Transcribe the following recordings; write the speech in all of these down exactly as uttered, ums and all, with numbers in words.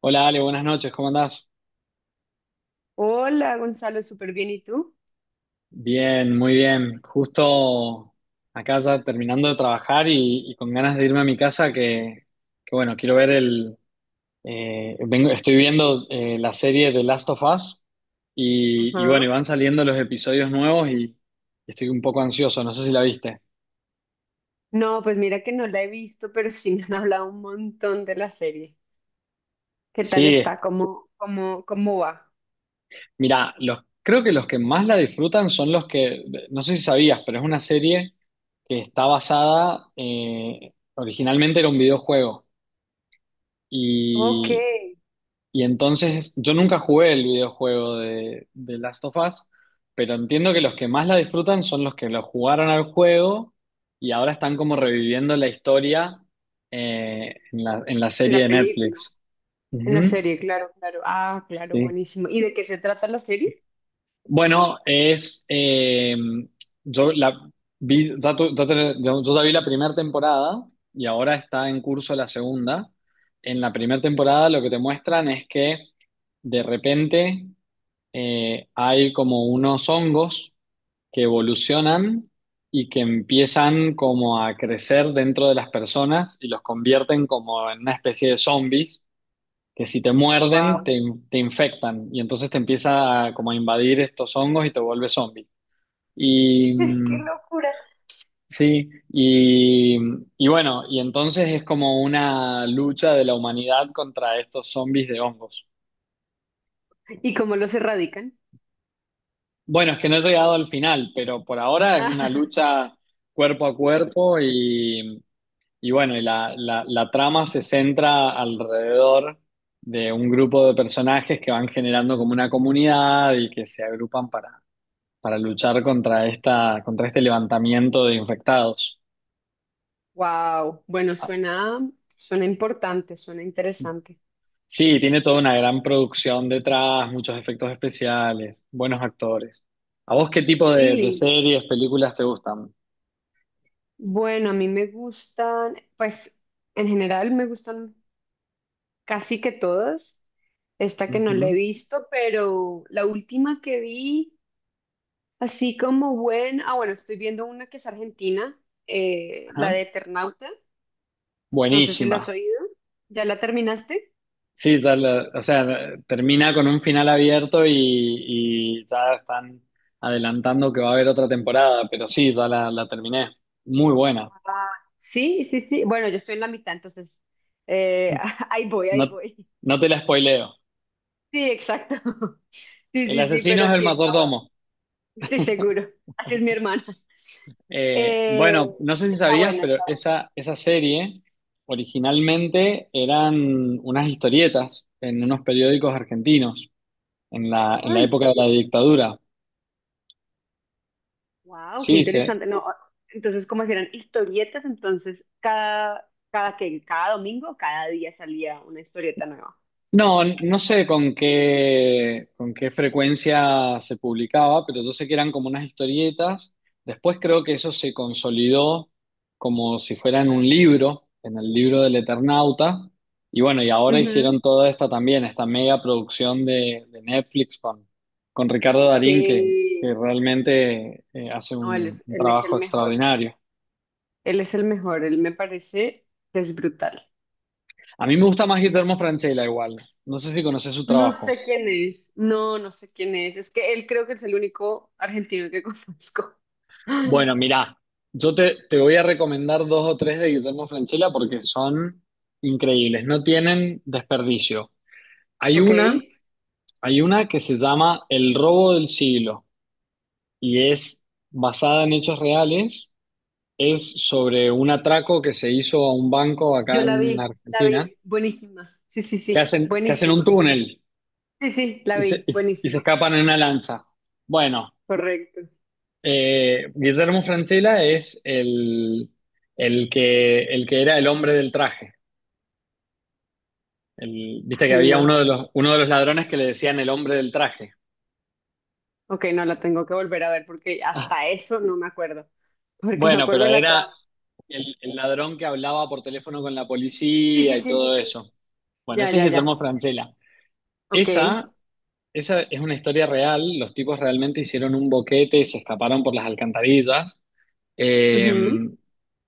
Hola Ale, buenas noches, ¿cómo andás? Hola, Gonzalo, súper bien. ¿Y tú? Bien, muy bien. Justo acá ya terminando de trabajar y, y con ganas de irme a mi casa que, que bueno, quiero ver el... eh, vengo, estoy viendo eh, la serie de Last of Us y, y bueno, y Ajá. van saliendo los episodios nuevos y estoy un poco ansioso, no sé si la viste. No, pues mira que no la he visto, pero sí me han hablado un montón de la serie. ¿Qué tal Sí, es- está? ¿Cómo, cómo, cómo va? Mira, los, creo que los que más la disfrutan son los que, no sé si sabías, pero es una serie que está basada, eh, originalmente era un videojuego. Ok, Y, en y entonces yo nunca jugué el videojuego de, de Last of Us, pero entiendo que los que más la disfrutan son los que lo jugaron al juego y ahora están como reviviendo la historia eh, en la, en la serie la de película, Netflix. en la Ujú. serie, claro, claro. Ah, claro, Sí. buenísimo. ¿Y de qué se trata la serie? Bueno, es. Eh, yo la vi, ya tu- ya te- yo yo ya vi la primera temporada y ahora está en curso la segunda. En la primera temporada lo que te muestran es que de repente eh, hay como unos hongos que evolucionan y que empiezan como a crecer dentro de las personas y los convierten como en una especie de zombies que si te muerden, Wow, te, in- te infectan y entonces te empieza a, como a invadir estos hongos y te vuelve zombie. Y ¡Qué mm, locura! sí, y, y bueno, y entonces es como una lucha de la humanidad contra estos zombies de hongos. ¿Y cómo los erradican? Bueno, es que no he llegado al final, pero por ahora es una lucha cuerpo a cuerpo y, y bueno, y la, la, la trama se centra alrededor de un grupo de personajes que van generando como una comunidad y que se agrupan para para luchar contra esta, contra este levantamiento de infectados. Wow, bueno, Ah, suena, suena importante, suena interesante. sí, tiene toda una gran producción detrás, muchos efectos especiales, buenos actores. ¿A vos qué tipo de, de Sí, series, películas te gustan? bueno, a mí me gustan, pues en general me gustan casi que todas. Esta que no la he Ujú, visto, pero la última que vi, así como buena, ah, bueno, estoy viendo una que es argentina, eh, la ajá. de Eternauta, no sé si la has Buenísima. oído. ¿Ya la terminaste? Sí, ya la- o sea, termina con un final abierto y, y ya están adelantando que va a haber otra temporada, pero sí, ya la, la terminé. Muy buena. Sí, sí, sí, bueno, yo estoy en la mitad, entonces, eh, ahí voy, No, ahí voy. no te la spoileo. Sí, exacto. Sí, El sí, sí, asesino pero es el sí está bueno, mayordomo. estoy seguro, así es mi hermana. Eh, Eh, Bueno, no sé si Está sabías, buena, pero está esa, esa serie originalmente eran unas historietas en unos periódicos argentinos en la, en buena. Ah, la ¿en época de serio? la dictadura. Wow, qué Sí, se, interesante. No, entonces, ¿cómo eran historietas? Entonces, cada, cada que, cada domingo, cada día salía una historieta nueva. No, no sé con qué, con qué frecuencia se publicaba, pero yo sé que eran como unas historietas. Después creo que eso se consolidó como si fuera en un libro, en el libro del Eternauta. Y bueno, y ahora hicieron Ujú. toda esta también, esta mega producción de, de Netflix con, con Ricardo Darín, que, Sí, que realmente eh, hace no, él un, es, un él es trabajo el mejor. extraordinario. Él es el mejor. Él me parece que es brutal. A mí me gusta más Guillermo Francella igual. No sé si conoces su No trabajo. sé quién es. No, no sé quién es. Es que él creo que es el único argentino que conozco. Bueno, mirá, yo te, te voy a recomendar dos o tres de Guillermo Francella porque son increíbles, no tienen desperdicio. Hay Ok. una, hay una que se llama El robo del siglo y es basada en hechos reales, es sobre un atraco que se hizo a un banco acá Yo la en vi, la Argentina, vi. Buenísima. Sí, sí, que sí. hacen, que hacen un Buenísima. túnel Sí, sí, la y se, vi. y se- y se Buenísima. escapan en una lancha. Bueno, Correcto. eh, Guillermo Francella es el, el que, el que era el hombre del traje. El- viste que Ay, había no. uno de los, uno de los ladrones que le decían el hombre del traje. Ok, no la tengo que volver a ver porque Ah, hasta eso no me acuerdo. Porque me bueno, acuerdo pero de la era trama. el, el ladrón que hablaba por teléfono con la Sí, policía sí, y sí, sí, todo sí. eso. Bueno, Ya, ese es ya, Guillermo ya. Francella. Ok. Esa, esa es una historia real. Los tipos realmente hicieron un boquete y se escaparon por las alcantarillas. Eh, Ujú.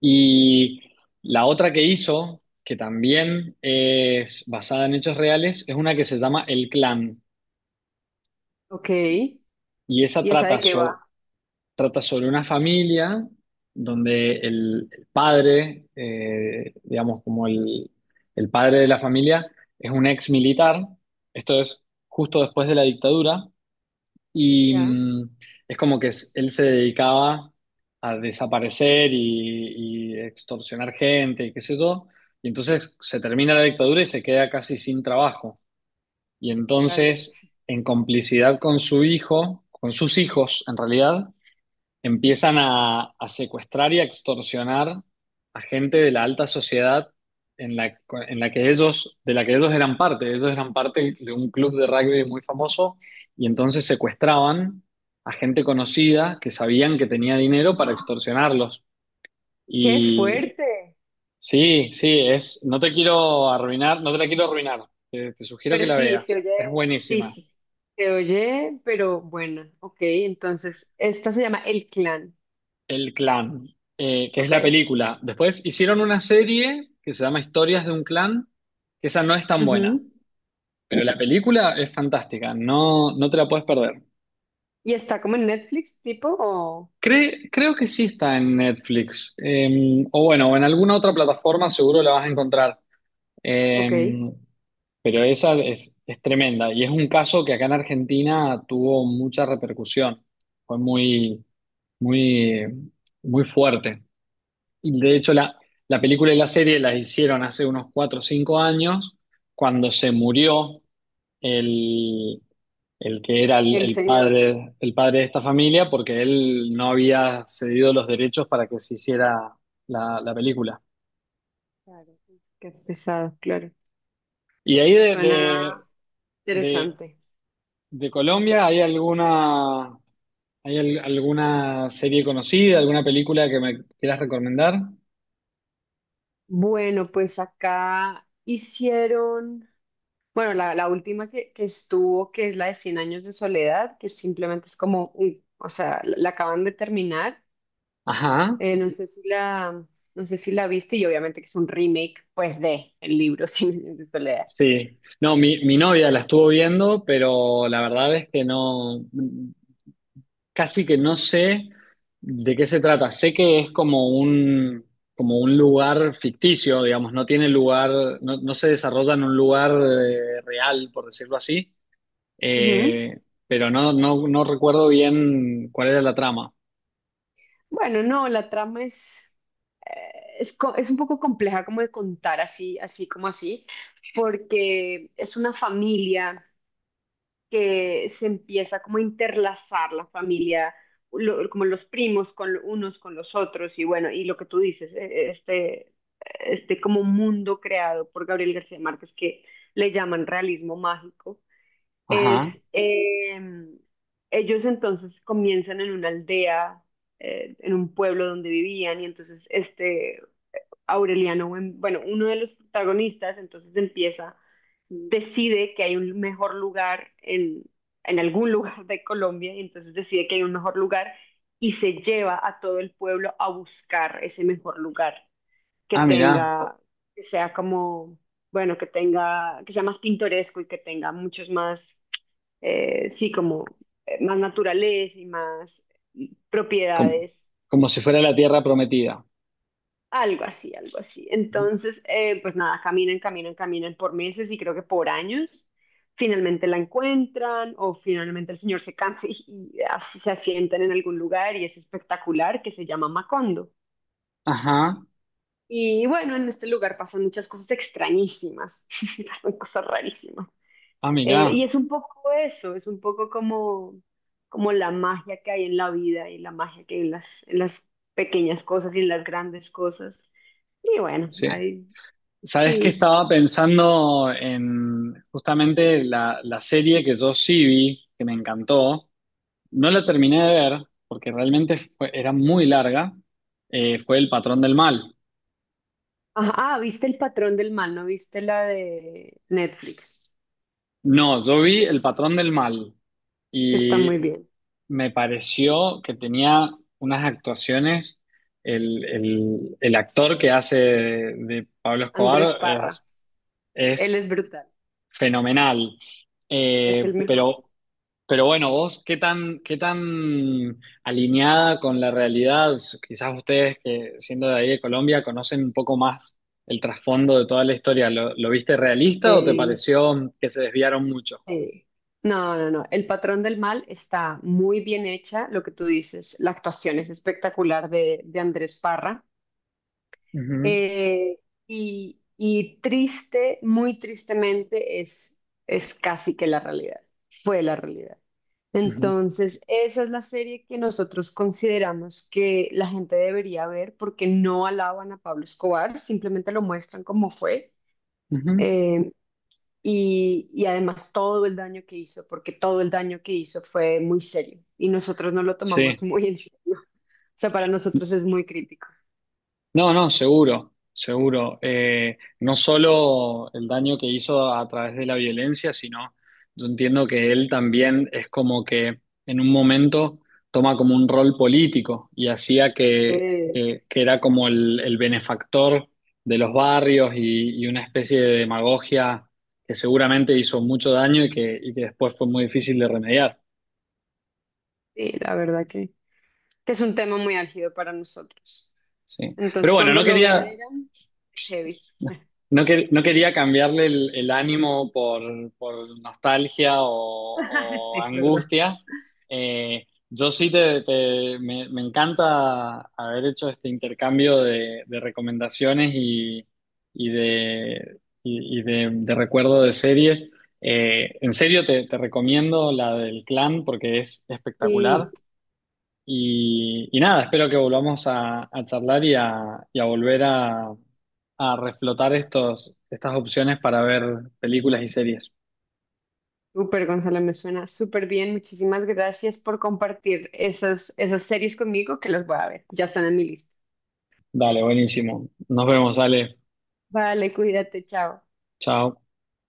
y la otra que hizo, que también es basada en hechos reales, es una que se llama El Clan. Ok. ¿Y Y esa esa trata de qué va? so- trata sobre una familia donde el, el padre, eh, digamos, como el, el padre de la familia, es un ex militar, esto es justo después de la dictadura, y Ya, mm, es como que es- él se dedicaba a desaparecer y, y extorsionar gente y qué sé yo, y entonces se termina la dictadura y se queda casi sin trabajo. Y claro. entonces, en complicidad con su hijo, con sus hijos en realidad, empiezan a, a secuestrar y a extorsionar a gente de la alta sociedad en la, en la que ellos, de la que ellos eran parte. Ellos eran parte de un club de rugby muy famoso y entonces secuestraban a gente conocida que sabían que tenía dinero para ¡Ah! extorsionarlos. ¡Qué Y fuerte! sí, sí, es, no te quiero arruinar, no te la quiero arruinar. Te, te sugiero que Pero la sí, se veas. oye. Es Sí, buenísima. sí. Se oye, pero bueno. Ok, entonces, esta se llama El Clan. El Clan, eh, que es la Ok. película. Después hicieron una serie que se llama Historias de un Clan, que esa no es tan buena, Ujú. pero la película es fantástica, no, no te la puedes perder. ¿Y está como en Netflix, tipo? O... Cre- creo que sí está en Netflix, eh, o bueno, o en alguna otra plataforma seguro la vas a encontrar. Ok. Eh, pero esa es, es tremenda y es un caso que acá en Argentina tuvo mucha repercusión, fue muy, muy, muy fuerte. Y de hecho, la, la película y la serie las hicieron hace unos cuatro o cinco años, cuando se murió el, el que era el, El el señor. padre, el padre de esta familia, porque él no había cedido los derechos para que se hiciera la, la película. Claro. Qué pesado, claro. Y ahí de, Suena. de, de- Interesante. de Colombia, ¿hay alguna, hay al- alguna serie conocida, alguna película que me quieras recomendar? Bueno, pues acá hicieron, bueno, la, la última que, que estuvo, que es la de cien años de soledad, que simplemente es como, uy, o sea, la, la acaban de terminar. Ajá. Eh, no sé si la, no sé si la viste y obviamente que es un remake, pues, de el libro cien años de soledad. Sí, no, mi, mi novia la estuvo viendo, pero la verdad es que no, casi que no sé de qué se trata. Sé que es como un, como un lugar ficticio, digamos, no tiene lugar, no, no se desarrolla en un lugar eh, real, por decirlo así. Ujú. Eh, pero no, no, no recuerdo bien cuál era la trama. Bueno, no, la trama es, eh, es, co- es un poco compleja como de contar así, así como así, porque es una familia. Que se empieza como a interlazar la familia, lo- como los primos con lo- unos con los otros y bueno, y lo que tú dices, eh, este, este como mundo creado por Gabriel García Márquez, que le llaman realismo mágico, es Ajá. eh, ellos entonces comienzan en una aldea, eh, en un pueblo donde vivían, y entonces este Aureliano, Buem- bueno, uno de los protagonistas, entonces empieza, decide que hay un mejor lugar en, en algún lugar de Colombia, y entonces decide que hay un mejor lugar y se lleva a todo el pueblo a buscar ese mejor lugar que Ah, mirá, tenga, que sea como, bueno, que tenga, que sea más pintoresco y que tenga muchos más, eh, sí, como eh, más naturaleza y más mm, como, propiedades. como si fuera la tierra prometida. Algo así, algo así. Entonces, eh, pues nada, caminan, caminan, caminan por meses y creo que por años. Finalmente la encuentran, o finalmente el señor se cansa y, y así se asientan en algún lugar y es espectacular, que se llama Macondo. Ajá. Y bueno, en este lugar pasan muchas cosas extrañísimas, pasan cosas rarísimas. Ah, Eh, mirá, Y es un poco eso, es un poco como, como la magia que hay en la vida y la magia que hay en las, en las pequeñas cosas y en las grandes cosas. Y bueno, sí. hay. Sabes que Sí. estaba pensando en justamente la, la serie que yo sí vi, que me encantó. No la terminé de ver porque realmente fue- era muy larga. Eh, fue El Patrón del Mal. Ajá, ah, viste El patrón del mal, ¿no viste la de Netflix? No, yo vi El Patrón del Mal Que está muy y bien. me pareció que tenía unas actuaciones. El, el- el actor que hace de, de Pablo Andrés Escobar Parra. es, Él es es brutal, fenomenal. es Eh, el mejor. pero Pero bueno, vos, ¿qué tan, qué tan alineada con la realidad? Quizás ustedes que siendo de ahí de Colombia conocen un poco más el trasfondo de toda la historia. ¿Lo, lo viste realista o te Eh, pareció que se desviaron mucho? sí. No, no, no. El patrón del mal está muy bien hecha, lo que tú dices. La actuación es espectacular de, de Andrés Parra. Ujú, Eh, y, y triste, muy tristemente, es, es casi que la realidad. Fue la realidad. ujú, Entonces, esa es la serie que nosotros consideramos que la gente debería ver, porque no alaban a Pablo Escobar, simplemente lo muestran como fue. ujú. eh, y, y además todo el daño que hizo, porque todo el daño que hizo fue muy serio y nosotros no lo tomamos Sí. muy en serio. O sea, para nosotros es muy crítico. No, no, seguro, seguro. Eh, no solo el daño que hizo a través de la violencia, sino yo entiendo que él también es como que en un momento toma como un rol político y hacía que, Eh, que, que era como el, el benefactor de los barrios y, y una especie de demagogia que seguramente hizo mucho daño y que, y que después fue muy difícil de remediar. sí, la verdad que, que es un tema muy álgido para nosotros. Sí. Pero Entonces, bueno, cuando no lo quería, veneran, es heavy. No, quer- no quería cambiarle el, el ánimo por, por nostalgia o, Sí, o es verdad. angustia. Eh, yo sí te, te- me, me encanta haber hecho este intercambio de, de recomendaciones y, y de, y, y de, de recuerdo de series. Eh, en serio te, te recomiendo la del Clan porque es Y espectacular. Y, y nada, espero que volvamos a, a charlar y a, y a volver a, a reflotar estos, estas opciones para ver películas y series. súper, Gonzalo, me suena súper bien. Muchísimas gracias por compartir esas, esas series conmigo que las voy a ver. Ya están en mi lista. Dale, buenísimo. Nos vemos, Ale. Vale, cuídate, chao. Chao.